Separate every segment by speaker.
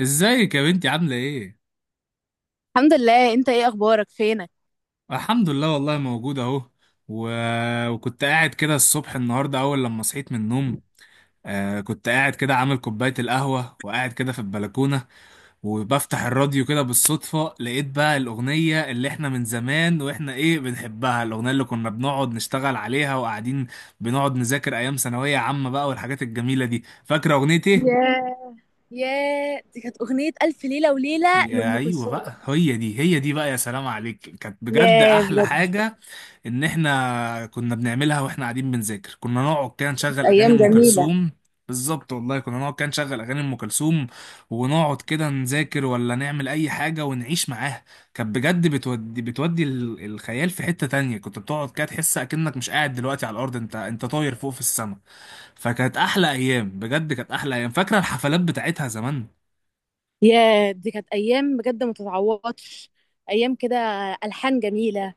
Speaker 1: ازيك يا بنتي عاملة ايه؟
Speaker 2: الحمد لله، انت ايه اخبارك؟ فينك؟
Speaker 1: الحمد لله والله موجود اهو. و... وكنت قاعد كده الصبح النهاردة أول لما صحيت من النوم. كنت قاعد كده عامل كوباية القهوة وقاعد كده في البلكونة، وبفتح الراديو كده بالصدفة لقيت بقى الأغنية اللي احنا من زمان واحنا ايه بنحبها، الأغنية اللي كنا بنقعد نشتغل عليها وقاعدين بنقعد نذاكر أيام ثانوية عامة بقى والحاجات الجميلة دي. فاكرة أغنية ايه؟
Speaker 2: ياه. ياه، دي كانت أغنية ألف ليلة وليلة
Speaker 1: يا
Speaker 2: لأم
Speaker 1: ايوه
Speaker 2: كلثوم.
Speaker 1: بقى، هي دي هي دي بقى، يا سلام عليك، كانت بجد
Speaker 2: ياه
Speaker 1: احلى
Speaker 2: بجد،
Speaker 1: حاجه. ان احنا كنا بنعملها واحنا قاعدين بنذاكر كنا نقعد كده
Speaker 2: كانت
Speaker 1: نشغل اغاني
Speaker 2: ايام
Speaker 1: ام
Speaker 2: جميله.
Speaker 1: كلثوم. بالظبط والله، كنا نقعد كده نشغل اغاني ام كلثوم ونقعد كده نذاكر ولا نعمل اي حاجه ونعيش معاها. كانت بجد بتودي بتودي الخيال في حته تانية. كنت بتقعد كده تحس اكنك مش قاعد دلوقتي على الارض، انت طاير فوق في السماء. فكانت احلى ايام بجد، كانت احلى ايام. فاكره الحفلات بتاعتها زمان.
Speaker 2: ياه، دي كانت أيام بجد ما تتعوضش. أيام كده، ألحان جميلة،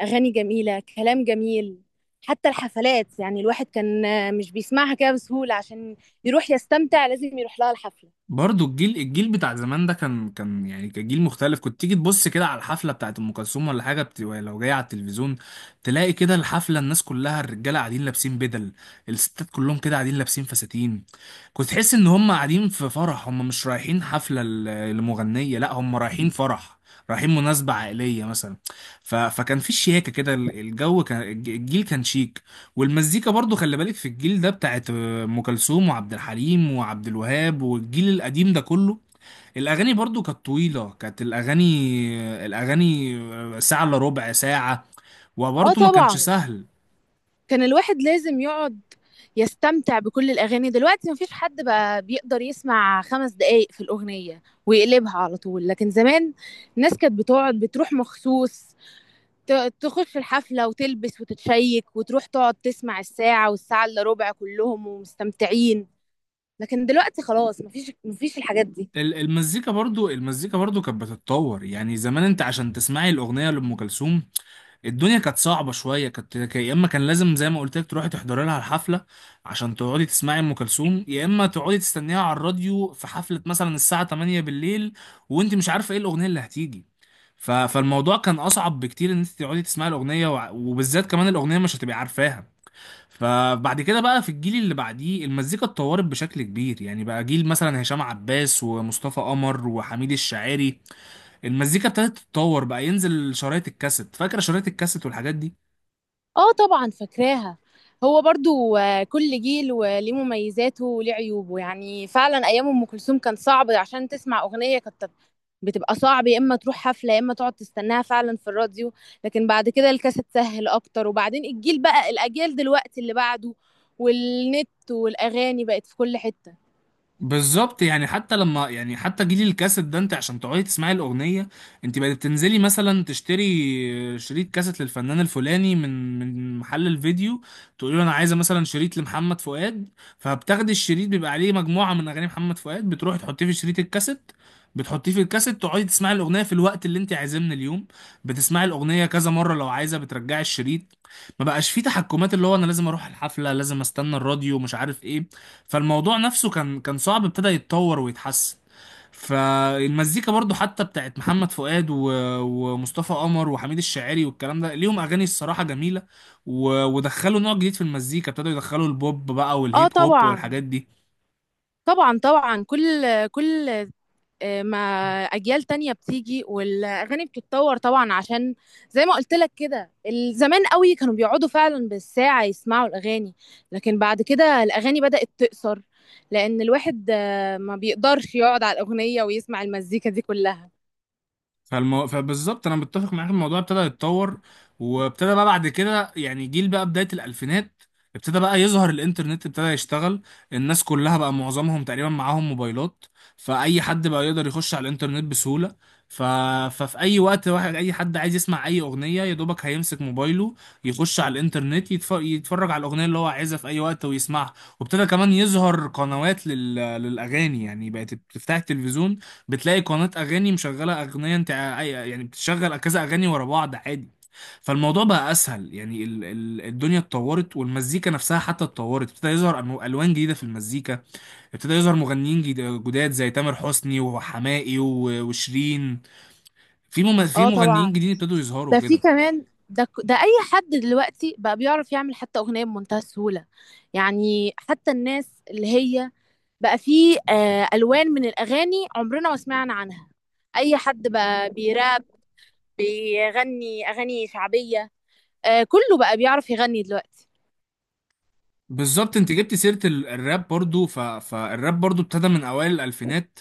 Speaker 2: أغاني جميلة، كلام جميل. حتى الحفلات، يعني الواحد كان مش بيسمعها كده بسهولة عشان يروح يستمتع، لازم يروح لها الحفلة.
Speaker 1: برضو الجيل الجيل بتاع زمان ده كان يعني كان جيل مختلف. كنت تيجي تبص كده على الحفله بتاعت ام كلثوم ولا حاجه لو جايه على التلفزيون، تلاقي كده الحفله الناس كلها، الرجاله قاعدين لابسين بدل، الستات كلهم كده قاعدين لابسين فساتين. كنت تحس ان هم قاعدين في فرح، هم مش رايحين حفله لمغنيه، لا هم رايحين فرح، رايحين مناسبة عائلية مثلا. فكان في شياكة كده، الجو كان، الجيل كان شيك. والمزيكا برضو خلي بالك في الجيل ده بتاعت ام كلثوم وعبد الحليم وعبد الوهاب والجيل القديم ده كله. الاغاني برضو كانت طويله، كانت الاغاني، الاغاني ساعه الا ربع ساعه.
Speaker 2: اه
Speaker 1: وبرضو ما كانش
Speaker 2: طبعا،
Speaker 1: سهل.
Speaker 2: كان الواحد لازم يقعد يستمتع بكل الأغاني. دلوقتي مفيش حد بقى بيقدر يسمع 5 دقايق في الأغنية ويقلبها على طول، لكن زمان الناس كانت بتقعد بتروح مخصوص، تخش الحفلة وتلبس وتتشيك وتروح تقعد تسمع الساعة والساعة إلا ربع كلهم ومستمتعين. لكن دلوقتي خلاص، مفيش الحاجات دي.
Speaker 1: المزيكا برضو المزيكا برضو كانت بتتطور. يعني زمان انت عشان تسمعي الاغنيه لام كلثوم الدنيا كانت صعبة شوية، كانت يا إما كان لازم زي ما قلت لك تروحي تحضري لها الحفلة عشان تقعدي تسمعي أم كلثوم، يا إما تقعدي تستنيها على الراديو في حفلة مثلا الساعة 8 بالليل وأنت مش عارفة إيه الأغنية اللي هتيجي. فالموضوع كان أصعب بكتير إن أنت تقعدي تسمعي الأغنية، وبالذات كمان الأغنية مش هتبقي عارفاها. فبعد كده بقى في الجيل اللي بعديه المزيكا اتطورت بشكل كبير. يعني بقى جيل مثلا هشام عباس ومصطفى قمر وحميد الشاعري، المزيكا ابتدت تتطور بقى، ينزل شرايط الكاسيت. فاكر شرايط الكاسيت والحاجات دي؟
Speaker 2: اه طبعا، فاكراها. هو برضو، كل جيل وليه مميزاته وليه عيوبه، يعني فعلا أيام أم كلثوم كان صعب عشان تسمع أغنية، كانت بتبقى صعب، يا اما تروح حفله يا اما تقعد تستناها فعلا في الراديو. لكن بعد كده الكاسيت سهل اكتر، وبعدين الجيل، بقى الاجيال دلوقتي اللي بعده، والنت والاغاني بقت في كل حته.
Speaker 1: بالظبط، يعني حتى لما يعني حتى جيل الكاسيت ده انت عشان تقعدي تسمعي الاغنيه انت بقت بتنزلي مثلا تشتري شريط كاسيت للفنان الفلاني من محل الفيديو، تقولي له انا عايزه مثلا شريط لمحمد فؤاد. فبتاخدي الشريط بيبقى عليه مجموعه من اغاني محمد فؤاد، بتروحي تحطيه في شريط الكاسيت، بتحطيه في الكاسيت تقعدي تسمعي الاغنيه في الوقت اللي انت عايزاه من اليوم. بتسمعي الاغنيه كذا مره لو عايزه بترجعي الشريط. ما بقاش فيه تحكمات اللي هو انا لازم اروح الحفله، لازم استنى الراديو، مش عارف ايه. فالموضوع نفسه كان صعب، ابتدى يتطور ويتحسن. فالمزيكا برضو حتى بتاعت محمد فؤاد ومصطفى قمر وحميد الشاعري والكلام ده ليهم اغاني الصراحه جميله، ودخلوا نوع جديد في المزيكا، ابتدوا يدخلوا البوب بقى
Speaker 2: اه
Speaker 1: والهيب هوب
Speaker 2: طبعا
Speaker 1: والحاجات دي.
Speaker 2: طبعا طبعا، كل كل مع اجيال تانية بتيجي والاغاني بتتطور طبعا، عشان زي ما قلت لك كده، زمان قوي كانوا بيقعدوا فعلا بالساعة يسمعوا الاغاني. لكن بعد كده الاغاني بدأت تقصر، لان الواحد ما بيقدرش يقعد على الاغنية ويسمع المزيكا دي كلها.
Speaker 1: فبالظبط انا متفق معاك، الموضوع ابتدى يتطور، وابتدى بقى بعد كده يعني جيل بقى بداية الالفينات، ابتدى بقى يظهر الانترنت، ابتدى يشتغل. الناس كلها بقى معظمهم تقريبا معاهم موبايلات، فاي حد بقى يقدر يخش على الانترنت بسهولة. ف... ففي اي وقت واحد اي حد عايز يسمع اي اغنية يا دوبك هيمسك موبايله، يخش على الانترنت، يتفرج على الاغنية اللي هو عايزها في اي وقت ويسمعها. وابتدى كمان يظهر قنوات للاغاني. يعني بقت بتفتح التلفزيون بتلاقي قناة أغاني مشغلة أغنية، يعني بتشغل كذا أغاني ورا بعض عادي. فالموضوع بقى أسهل. يعني ال الدنيا اتطورت، والمزيكا نفسها حتى اتطورت، ابتدى يظهر ألوان جديدة في المزيكا، ابتدى يظهر مغنيين جداد زي تامر حسني وحماقي وشيرين. في في
Speaker 2: اه
Speaker 1: مغنيين
Speaker 2: طبعا،
Speaker 1: جديد ابتدوا يظهروا
Speaker 2: ده في
Speaker 1: كده.
Speaker 2: كمان، ده اي حد دلوقتي بقى بيعرف يعمل حتى اغنية بمنتهى السهولة. يعني حتى الناس اللي هي، بقى فيه ألوان من الأغاني عمرنا ما سمعنا عنها. أي حد بقى بيراب، بيغني أغاني شعبية، آه، كله بقى بيعرف يغني دلوقتي.
Speaker 1: بالظبط، انت جبت سيرة الراب برضو. فالراب برضو ابتدى من اوائل الالفينات،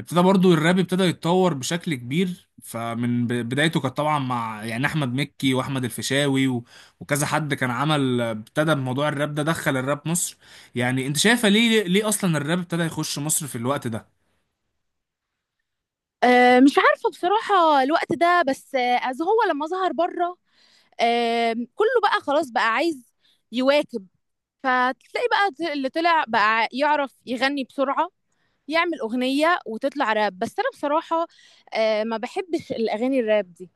Speaker 1: ابتدى برضو الراب ابتدى يتطور بشكل كبير. فمن بدايته كانت طبعا مع يعني احمد مكي واحمد الفيشاوي وكذا حد كان عمل ابتدى بموضوع الراب ده، دخل الراب مصر. يعني انت شايفه ليه اصلا الراب ابتدى يخش مصر في الوقت ده؟
Speaker 2: آه، مش عارفة بصراحة الوقت ده، بس أز هو لما ظهر بره. آه، كله بقى خلاص بقى عايز يواكب، فتلاقي بقى اللي طلع بقى يعرف يغني بسرعة، يعمل أغنية وتطلع راب. بس أنا بصراحة ما بحبش الأغاني الراب دي.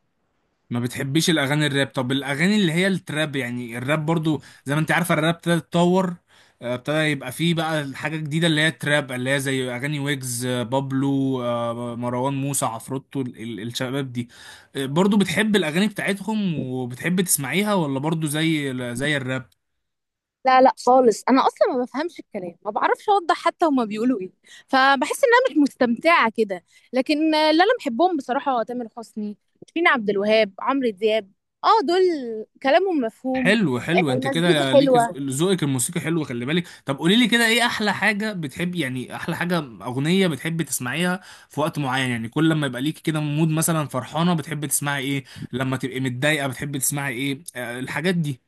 Speaker 1: ما بتحبيش الاغاني الراب؟ طب الاغاني اللي هي التراب، يعني الراب برضو زي ما انت عارفه الراب ابتدى يتطور، ابتدى يبقى فيه بقى حاجه جديده اللي هي التراب، اللي هي زي اغاني ويجز، بابلو، مروان موسى، عفروتو، الشباب دي. برضو بتحب الاغاني بتاعتهم وبتحب تسمعيها، ولا برضو زي الراب؟
Speaker 2: لا لا خالص، انا اصلا ما بفهمش الكلام، ما بعرفش اوضح حتى هما بيقولوا ايه، فبحس ان انا مش مستمتعه كده. لكن اللي انا بحبهم بصراحه تامر حسني، شيرين عبد الوهاب، عمرو دياب، اه دول كلامهم مفهوم.
Speaker 1: حلو حلو،
Speaker 2: آه،
Speaker 1: انت
Speaker 2: المزيكا
Speaker 1: كده ليك
Speaker 2: حلوه.
Speaker 1: ذوقك الموسيقى حلو، خلي بالك. طب قولي لي كده ايه احلى حاجه بتحب، يعني احلى حاجه اغنيه بتحب تسمعيها في وقت معين. يعني كل لما يبقى ليك كده مود مثلا فرحانه بتحب تسمعي ايه؟ لما تبقي متضايقه بتحب تسمعي ايه؟ آه الحاجات دي.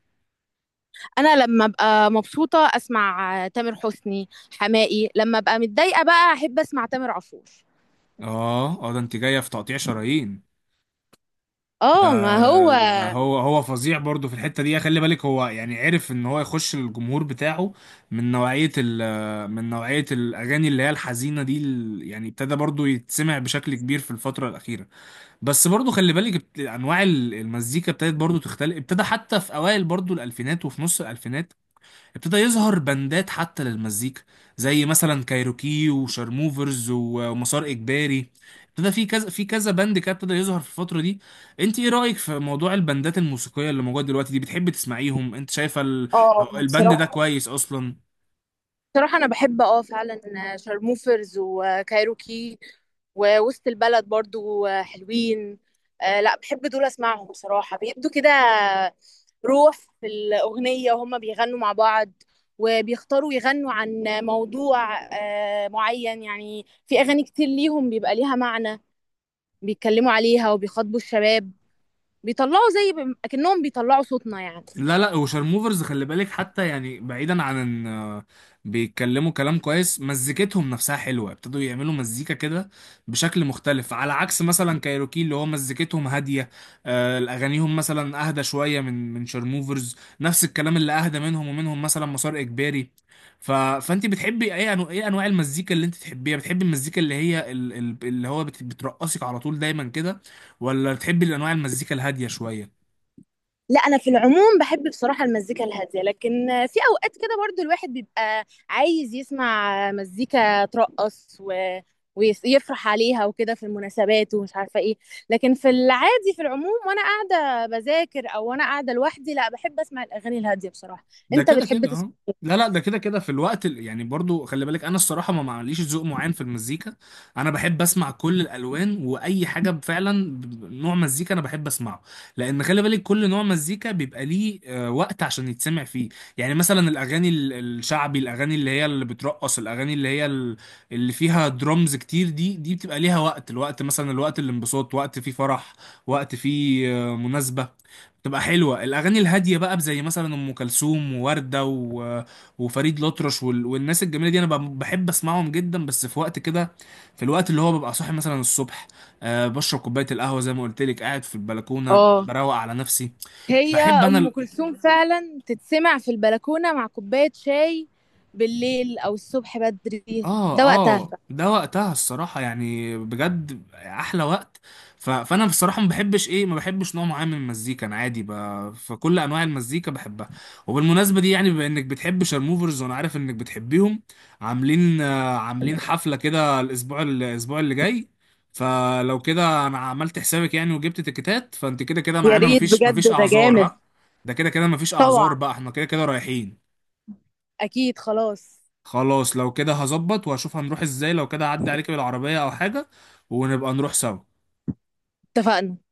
Speaker 2: انا لما ابقى مبسوطه اسمع تامر حسني، حماقي. لما ابقى متضايقه بقى احب اسمع تامر عاشور.
Speaker 1: اه اه، ده انت جايه في تقطيع شرايين.
Speaker 2: اه ما هو.
Speaker 1: ده ده هو هو فظيع برضه في الحتة دي خلي بالك. هو يعني عرف ان هو يخش للجمهور بتاعه من نوعية من نوعية الأغاني اللي هي الحزينة دي، يعني ابتدى برضه يتسمع بشكل كبير في الفترة الأخيرة. بس برضه خلي بالك أنواع المزيكا ابتدت برضه تختلف. ابتدى حتى في أوائل برضه الألفينات وفي نص الألفينات ابتدى يظهر بندات حتى للمزيكا، زي مثلا كايروكي وشارموفرز ومسار اجباري. ابتدى في كذا بند كده ابتدى يظهر في الفتره دي. انت ايه رايك في موضوع البندات الموسيقيه اللي موجوده دلوقتي دي؟ بتحب تسمعيهم؟ انت شايفه
Speaker 2: اه
Speaker 1: البند ده
Speaker 2: بصراحة،
Speaker 1: كويس اصلا؟
Speaker 2: بصراحة أنا بحب، فعلا. آه، شارموفرز وكايروكي ووسط البلد برضو حلوين. آه لا، بحب دول أسمعهم بصراحة، بيبدوا كده روح في الأغنية، وهم بيغنوا مع بعض وبيختاروا يغنوا عن موضوع معين. يعني في أغاني كتير ليهم بيبقى ليها معنى، بيتكلموا عليها وبيخاطبوا الشباب، بيطلعوا زي، أكنهم بيطلعوا صوتنا يعني.
Speaker 1: لا لا، وشارموفرز خلي بالك حتى يعني بعيدا عن ان بيتكلموا كلام كويس، مزيكتهم نفسها حلوه، ابتدوا يعملوا مزيكا كده بشكل مختلف. على عكس مثلا كايروكي اللي هو مزيكتهم هاديه، اغانيهم مثلا اهدى شويه من شارموفرز. نفس الكلام اللي اهدى منهم، ومنهم مثلا مسار اجباري. فانت بتحبي اي ايه انواع المزيكا اللي انت تحبيها؟ بتحبي المزيكا اللي هي اللي هو بترقصك على طول دايما كده، ولا بتحبي الانواع المزيكا الهاديه شويه؟
Speaker 2: لا، انا في العموم بحب بصراحه المزيكا الهاديه، لكن في اوقات كده برضو الواحد بيبقى عايز يسمع مزيكا ترقص ويفرح عليها وكده في المناسبات ومش عارفه ايه. لكن في العادي في العموم، وانا قاعده بذاكر او وانا قاعده لوحدي، لا، بحب اسمع الاغاني الهاديه بصراحه.
Speaker 1: ده
Speaker 2: انت
Speaker 1: كده
Speaker 2: بتحب
Speaker 1: كده
Speaker 2: تسمع؟
Speaker 1: اه. لا لا، ده كده كده في الوقت يعني برضو خلي بالك، انا الصراحه ما معليش ذوق معين في المزيكا. انا بحب اسمع كل الالوان، واي حاجه فعلا نوع مزيكا انا بحب اسمعه. لان خلي بالك كل نوع مزيكا بيبقى ليه وقت عشان يتسمع فيه. يعني مثلا الاغاني الشعبي، الاغاني اللي هي اللي بترقص، الاغاني اللي هي اللي فيها درمز كتير دي بتبقى ليها وقت، الوقت مثلا الوقت الانبساط، وقت فيه فرح، وقت فيه مناسبه. تبقى حلوة الأغاني الهادية بقى، زي مثلا أم كلثوم ووردة وفريد الأطرش والناس الجميلة دي. أنا بحب أسمعهم جدا، بس في وقت كده، في الوقت اللي هو ببقى صاحي مثلا الصبح، أه بشرب كوباية القهوة زي ما قلت لك، قاعد في البلكونة
Speaker 2: اه،
Speaker 1: بروق على نفسي.
Speaker 2: هي
Speaker 1: بحب
Speaker 2: ام
Speaker 1: أنا.
Speaker 2: كلثوم فعلا تتسمع في البلكونه مع كوبايه شاي بالليل او الصبح بدري،
Speaker 1: اه
Speaker 2: ده وقتها.
Speaker 1: اه، ده وقتها الصراحة يعني بجد أحلى وقت. فأنا بصراحة ما بحبش إيه، ما بحبش نوع معين من المزيكا، أنا عادي فكل أنواع المزيكا بحبها. وبالمناسبة دي، يعني بما إنك بتحب شارموفرز، وأنا عارف إنك بتحبيهم، عاملين عاملين حفلة كده الأسبوع الأسبوع اللي جاي. فلو كده أنا عملت حسابك يعني وجبت تيكتات، فأنت كده كده
Speaker 2: يا
Speaker 1: معانا،
Speaker 2: ريت
Speaker 1: مفيش
Speaker 2: بجد،
Speaker 1: مفيش
Speaker 2: ده
Speaker 1: أعذار
Speaker 2: جامد.
Speaker 1: ها. ده كده كده مفيش أعذار
Speaker 2: طبعا،
Speaker 1: بقى، إحنا كده كده رايحين.
Speaker 2: اكيد، خلاص.
Speaker 1: خلاص، لو كده هظبط وهشوف هنروح ازاي، لو كده هعدي عليك بالعربية او حاجة ونبقى نروح سوا.
Speaker 2: اتفقنا.